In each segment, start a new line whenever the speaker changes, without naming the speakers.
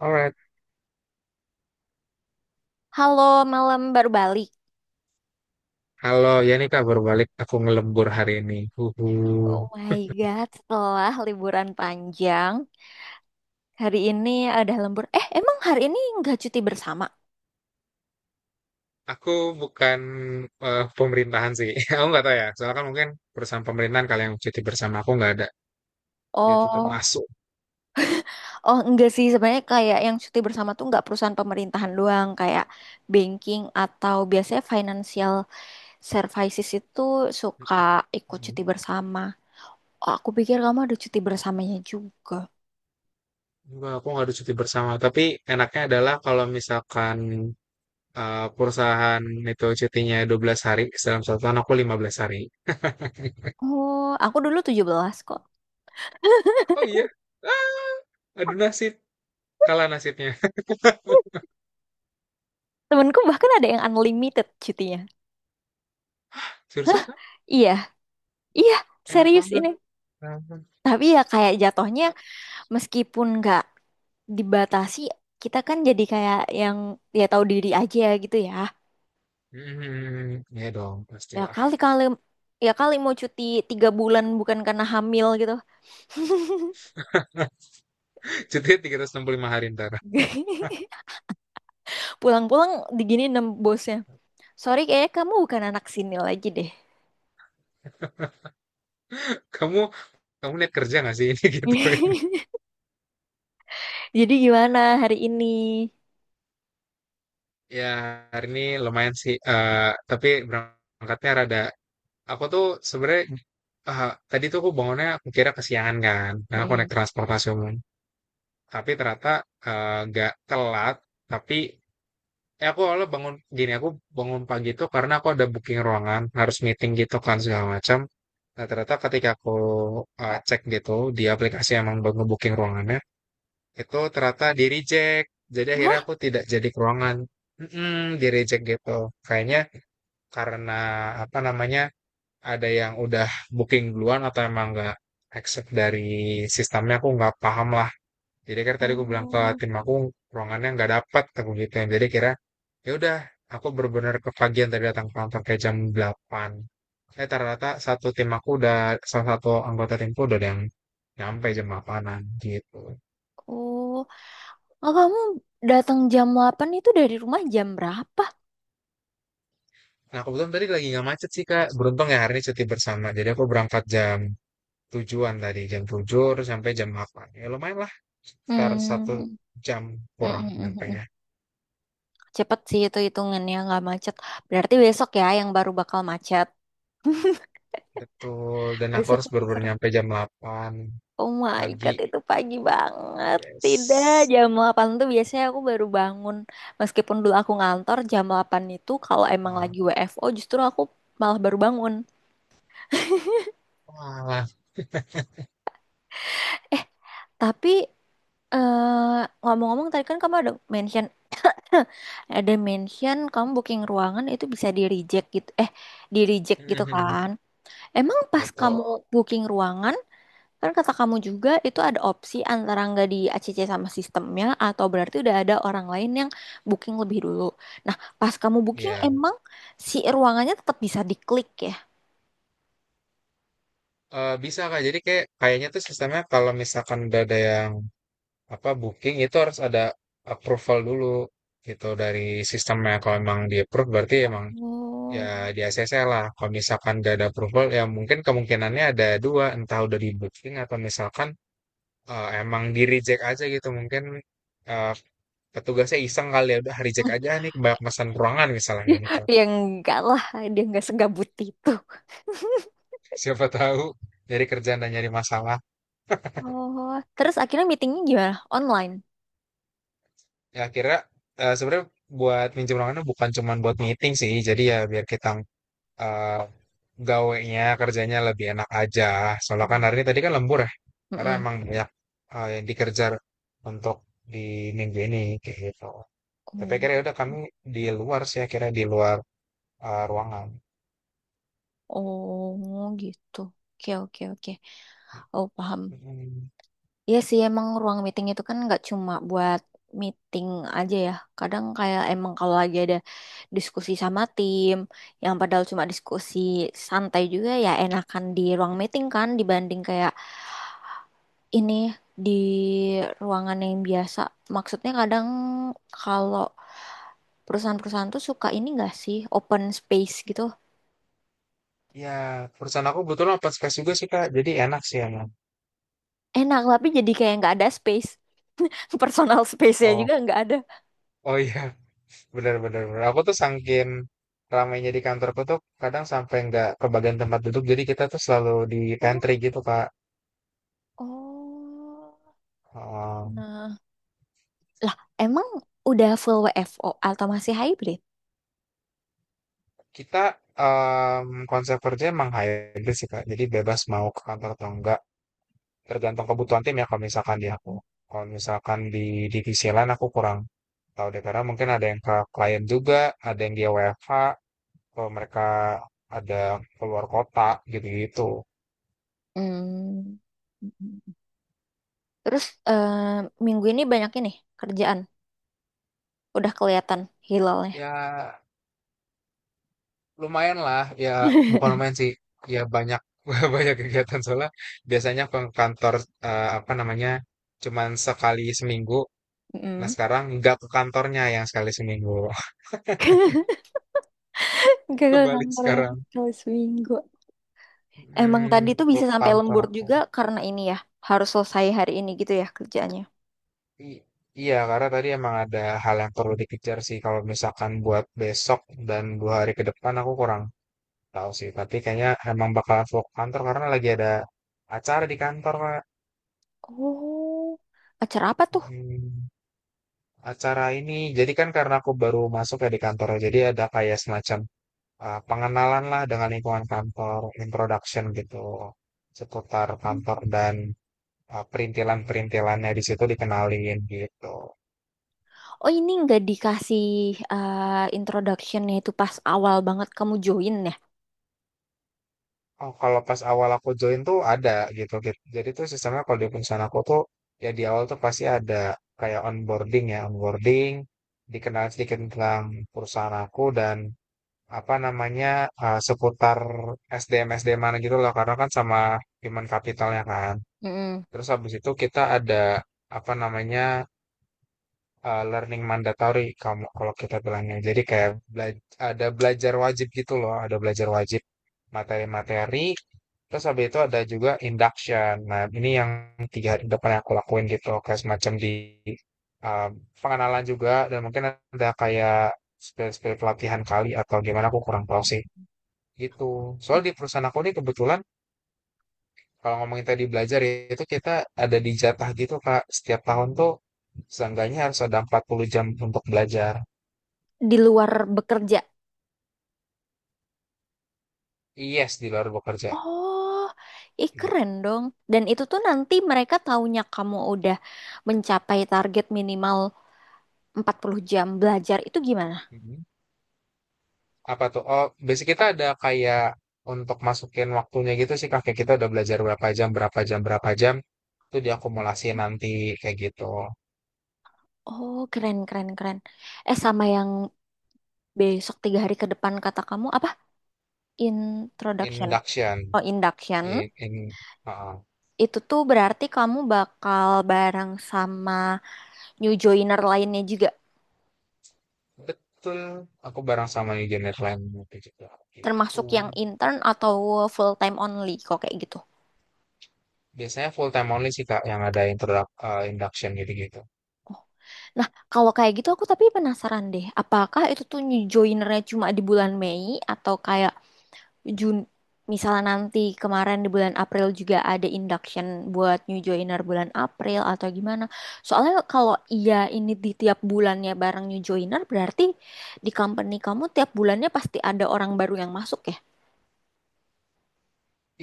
Alright.
Halo, malam baru balik.
Halo, ya ini kabar balik. Aku ngelembur hari ini. Huhu.
Oh my God, setelah liburan panjang, hari ini ada lembur. Emang hari ini nggak cuti bersama?
Aku bukan pemerintahan sih. Aku nggak tahu ya. Soalnya kan mungkin perusahaan pemerintahan kali yang cuti bersama aku nggak ada. Dia tetap
Oh,
masuk.
oh enggak sih. Sebenarnya kayak yang cuti bersama tuh nggak perusahaan pemerintahan doang. Kayak banking atau biasanya financial services itu suka ikut cuti bersama. Oh, aku pikir kamu ada cuti bersamanya juga.
Enggak, aku nggak ada cuti bersama. Tapi enaknya adalah kalau misalkan perusahaan itu cutinya 12 hari, dalam 1 tahun aku 15 hari.
Oh, aku dulu 17 kok.
Oh iya. Aduh nasib, kalah nasibnya.
Temenku bahkan ada yang unlimited cutinya.
Jurusan
Iya, iya,
enak
serius
banget.
ini.
Enak
Tapi ya kayak jatuhnya
banget.
meskipun nggak dibatasi, kita kan jadi kayak yang ya tahu diri aja gitu ya.
Hmm, ya dong,
Ya
pastilah.
kali-kali ya kali mau cuti 3 bulan bukan karena hamil gitu.
Cutinya 365 hari ntar.
Pulang-pulang digini nem bosnya. Sorry kayaknya kamu bukan anak sini lagi deh.
Kamu kamu niat kerja nggak sih ini gitu?
Jadi gimana hari ini?
Ya hari ini lumayan sih. Tapi berangkatnya rada. Aku tuh sebenarnya tadi tuh aku bangunnya aku kira kesiangan kan. Nah aku
Mm-mm.
naik transportasi umum. Tapi ternyata nggak telat. Tapi ya aku awalnya bangun gini aku bangun pagi tuh karena aku ada booking ruangan harus meeting gitu kan segala macam. Nah ternyata ketika aku cek gitu di aplikasi emang baru booking ruangannya itu ternyata di reject, jadi akhirnya
Hah?
aku tidak jadi ke ruangan. Di reject gitu kayaknya karena apa namanya ada yang udah booking duluan atau emang nggak accept dari sistemnya, aku nggak paham lah. Jadi kan tadi aku bilang ke
Oh,
tim aku ruangannya nggak dapat aku gitu. Jadi kira ya udah, aku benar-benar kepagian tadi datang ke kantor kayak jam delapan, ternyata satu tim aku udah salah satu anggota timku udah ada yang nyampe jam 8 gitu.
oh, oh, kamu datang jam 08.00 itu dari rumah jam berapa?
Nah, kebetulan tadi lagi nggak macet sih, Kak. Beruntung ya hari ini cuti bersama. Jadi aku berangkat jam tujuan tadi, jam 7 terus sampai jam 8. Ya lumayan lah, sekitar satu
Hmm.
jam kurang
Mm-mm.
nyampenya.
Cepet sih itu hitungannya nggak macet. Berarti besok ya yang baru bakal macet.
Betul, dan aku
Besok
harus
aku
baru-baru
seru.
nyampe jam 8
Oh my
pagi.
God, itu pagi banget. Tidak,
Yes.
jam 08.00 tuh biasanya aku baru bangun. Meskipun dulu aku ngantor, jam 08.00 itu kalau emang
Nah.
lagi WFO justru aku malah baru bangun.
Wah.
Eh, tapi ngomong-ngomong tadi kan kamu ada mention, ada mention kamu booking ruangan itu bisa di reject gitu. Di reject gitu
Mhm.
kan. Emang pas kamu
Betul.
booking ruangan, kan kata kamu juga itu ada opsi antara nggak di ACC sama sistemnya atau berarti udah ada orang lain yang booking lebih dulu. Nah, pas kamu booking
Ya,
emang si ruangannya tetap bisa diklik ya?
Bisa Kak. Jadi kayak kayaknya tuh sistemnya kalau misalkan udah ada yang apa booking itu harus ada approval dulu gitu dari sistemnya. Kalau emang di approve berarti emang.
Oh,
Ya di ACC lah. Kalau misalkan gak ada approval, ya mungkin kemungkinannya ada dua, entah udah di booking atau misalkan emang di reject aja gitu, mungkin eh, petugasnya iseng kali, ya udah reject aja nih banyak pesan ruangan misalnya gitu.
ya enggak lah, dia nggak segabut itu.
Siapa tahu dari kerjaan dan nyari masalah.
Oh, terus akhirnya meetingnya gimana? Online.
Ya akhirnya sebenarnya buat minjem ruangannya bukan cuma buat meeting sih, jadi ya biar kita eh, gawenya kerjanya lebih enak aja. Soalnya kan
Hmm.
hari ini tadi kan lembur ya, karena
Mm-mm.
emang banyak yang dikerja untuk di minggu ini kayak gitu. Tapi akhirnya udah kami di luar sih, akhirnya di luar ruangan.
Oh, oh gitu. Oke, oke, oke. Oh, paham.
Mm.
Iya sih emang ruang meeting itu kan nggak cuma buat meeting aja ya. Kadang kayak emang kalau lagi ada diskusi sama tim yang padahal cuma diskusi santai juga ya enakan di ruang meeting kan dibanding kayak ini di ruangan yang biasa. Maksudnya kadang kalau perusahaan-perusahaan tuh suka ini nggak sih open space gitu.
Ya, perusahaan aku kebetulan open space juga sih Kak, jadi enak sih emang.
Enak tapi jadi kayak nggak ada space. Personal space-nya
Oh,
juga nggak ada.
oh iya, benar-benar. Aku tuh sangkin ramainya di kantorku tuh kadang sampai nggak kebagian tempat duduk, jadi kita tuh selalu di pantry
Oh,
gitu Kak.
oh.
Oh.
Nah. Lah, emang udah full WFO atau masih hybrid?
Kita konsep kerja emang hybrid sih Kak. Jadi bebas mau ke kantor atau enggak. Tergantung kebutuhan tim ya kalau misalkan di aku. Kalau misalkan di divisi lain aku kurang tahu deh, karena mungkin ada yang ke klien juga, ada yang dia WFH, kalau mereka ada keluar kota gitu-gitu.
Hmm. Terus eh, minggu ini banyak ini kerjaan. Udah kelihatan hilalnya.
Ya lumayan lah, ya bukan lumayan sih. Ya banyak banyak kegiatan soalnya, biasanya aku ke kantor apa namanya cuman sekali seminggu. Nah,
Mm.
sekarang nggak ke kantornya yang sekali seminggu.
Gagal
Kebalik
kantornya
sekarang.
kalau seminggu. Emang
Hmm,
tadi tuh
ke
bisa sampai
kantor
lembur
aku.
juga karena ini ya. Harus selesai hari ini gitu ya kerjaannya.
I- iya, karena tadi emang ada hal yang perlu dikejar sih. Kalau misalkan buat besok dan 2 hari ke depan aku kurang tahu sih. Tapi kayaknya emang bakal vlog kantor karena lagi ada acara di kantor, Kak.
Oh, acara apa tuh?
Hmm, acara ini. Jadi kan karena aku baru masuk ya di kantor. Jadi ada kayak semacam pengenalan lah dengan lingkungan kantor, introduction gitu seputar kantor dan perintilan-perintilannya di situ dikenalin gitu.
Oh, ini nggak dikasih introduction-nya itu pas awal banget kamu join ya.
Oh, kalau pas awal aku join tuh ada gitu, gitu. Jadi tuh sistemnya kalau di perusahaan aku tuh ya di awal tuh pasti ada kayak onboarding ya, onboarding, dikenal sedikit tentang perusahaan aku dan apa namanya seputar SDM SDM mana gitu loh, karena kan sama human capitalnya kan.
Mm.
Terus habis itu kita ada apa namanya learning mandatory kamu kalau kita bilangnya. Jadi kayak ada belajar wajib gitu loh, ada belajar wajib materi-materi. Terus habis itu ada juga induction. Nah, ini yang 3 hari depan yang aku lakuin gitu, kayak semacam di uh, pengenalan juga, dan mungkin ada kayak spesial pelatihan kali atau gimana aku kurang tahu sih gitu. Soal di perusahaan aku ini kebetulan kalau ngomongin tadi belajar ya, itu kita ada di jatah gitu Kak. Setiap tahun tuh seenggaknya harus ada 40 jam untuk belajar.
Di luar bekerja.
Yes, di luar bekerja.
Oh, ih keren
Gitu.
dong. Dan itu tuh nanti mereka taunya kamu udah mencapai target minimal 40 jam belajar itu gimana?
Mhm. Apa tuh? Oh, basic kita ada kayak untuk masukin waktunya gitu sih, kakek kita udah belajar berapa jam, berapa jam, berapa jam. Itu diakumulasi nanti kayak gitu.
Oh, keren, keren, keren. Eh, sama yang besok 3 hari ke depan kata kamu apa? Introduction.
Induction.
Oh, induction.
In, in, uh,
Itu tuh berarti kamu bakal bareng sama new joiner lainnya juga.
betul. Aku bareng sama engineer lain itu juga. Gitu.
Termasuk yang intern atau full time only, kok kayak gitu.
Biasanya full time only sih, Kak, yang ada introduc induction gitu-gitu.
Nah, kalau kayak gitu aku tapi penasaran deh, apakah itu tuh new joinernya cuma di bulan Mei atau kayak Jun misalnya nanti kemarin di bulan April juga ada induction buat new joiner bulan April atau gimana? Soalnya kalau iya ini di tiap bulannya bareng new joiner berarti di company kamu tiap bulannya pasti ada orang baru yang masuk ya?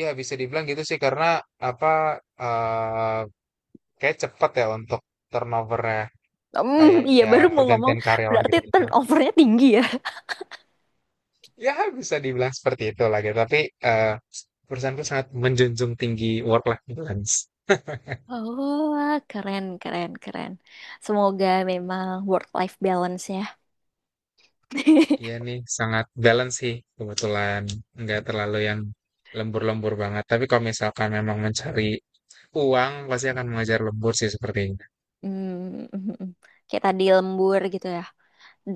Ya, bisa dibilang gitu sih karena apa eh kayak cepat ya untuk turnovernya,
Hmm, iya
kayak
baru mau ngomong
pergantian karyawan
berarti
gitu-gitu.
turnovernya tinggi ya.
Ya, bisa dibilang seperti itu lah gitu. Tapi eh perusahaanku sangat menjunjung tinggi work-life balance.
Oh, wah, keren, keren, keren. Semoga memang work-life balance-nya
Iya nih, sangat balance sih kebetulan. Nggak terlalu yang lembur-lembur banget. Tapi kalau misalkan memang mencari uang, pasti akan mengejar lembur sih sepertinya.
Hmm, kayak tadi lembur gitu ya.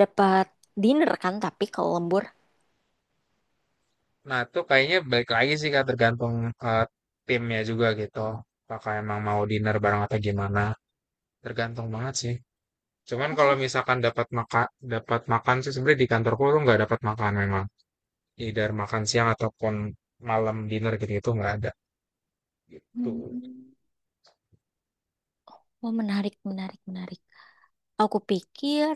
Dapat dinner kan tapi kalau lembur.
Nah, itu kayaknya balik lagi sih Kak, tergantung eh, timnya juga gitu. Apakah emang mau dinner bareng atau gimana? Tergantung banget sih. Cuman kalau
Oh,
misalkan dapat makan sih sebenarnya di kantorku tuh nggak dapat makan memang. Either makan siang ataupun malam dinner gitu itu nggak ada gitu.
hmm. Oh, menarik, menarik, menarik. Aku pikir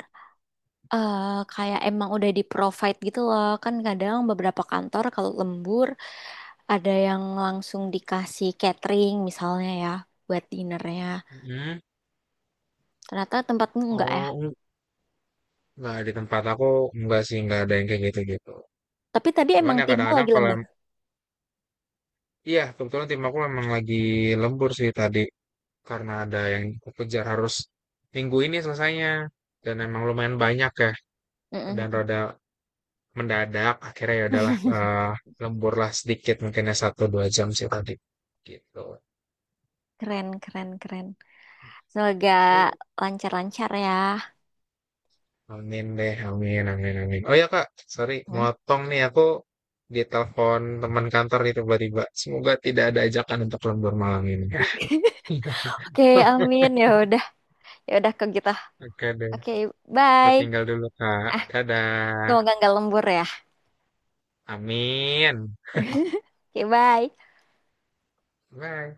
eh, kayak emang udah di provide gitu loh. Kan kadang beberapa kantor kalau lembur ada yang langsung dikasih catering misalnya ya buat dinernya.
Hmm.
Ternyata tempatmu enggak ya.
Oh, nggak di tempat aku, nggak sih nggak ada yang kayak gitu gitu.
Tapi tadi emang
Cuman ya
timmu
kadang-kadang
lagi lembur.
iya kebetulan tim aku memang lagi lembur sih tadi. Karena ada yang aku kejar harus minggu ini selesainya, dan emang lumayan banyak ya dan
Mm-mm.
rada mendadak, akhirnya ya udahlah lembur lah sedikit, mungkin ya satu dua jam sih tadi gitu.
Keren, keren, keren. Semoga
Oi,
lancar-lancar ya.
amin deh, amin, amin, amin. Oh ya kak, sorry,
Hmm.
motong nih aku ditelepon teman kantor nih tiba-tiba. Semoga tidak ada ajakan untuk lembur malam ini.
Oke, amin. Ya udah ke kita.
Oke deh,
Oke,
aku
bye.
tinggal dulu kak.
Ah,
Dadah,
semoga nggak lembur ya.
amin,
Oke, bye.
bye.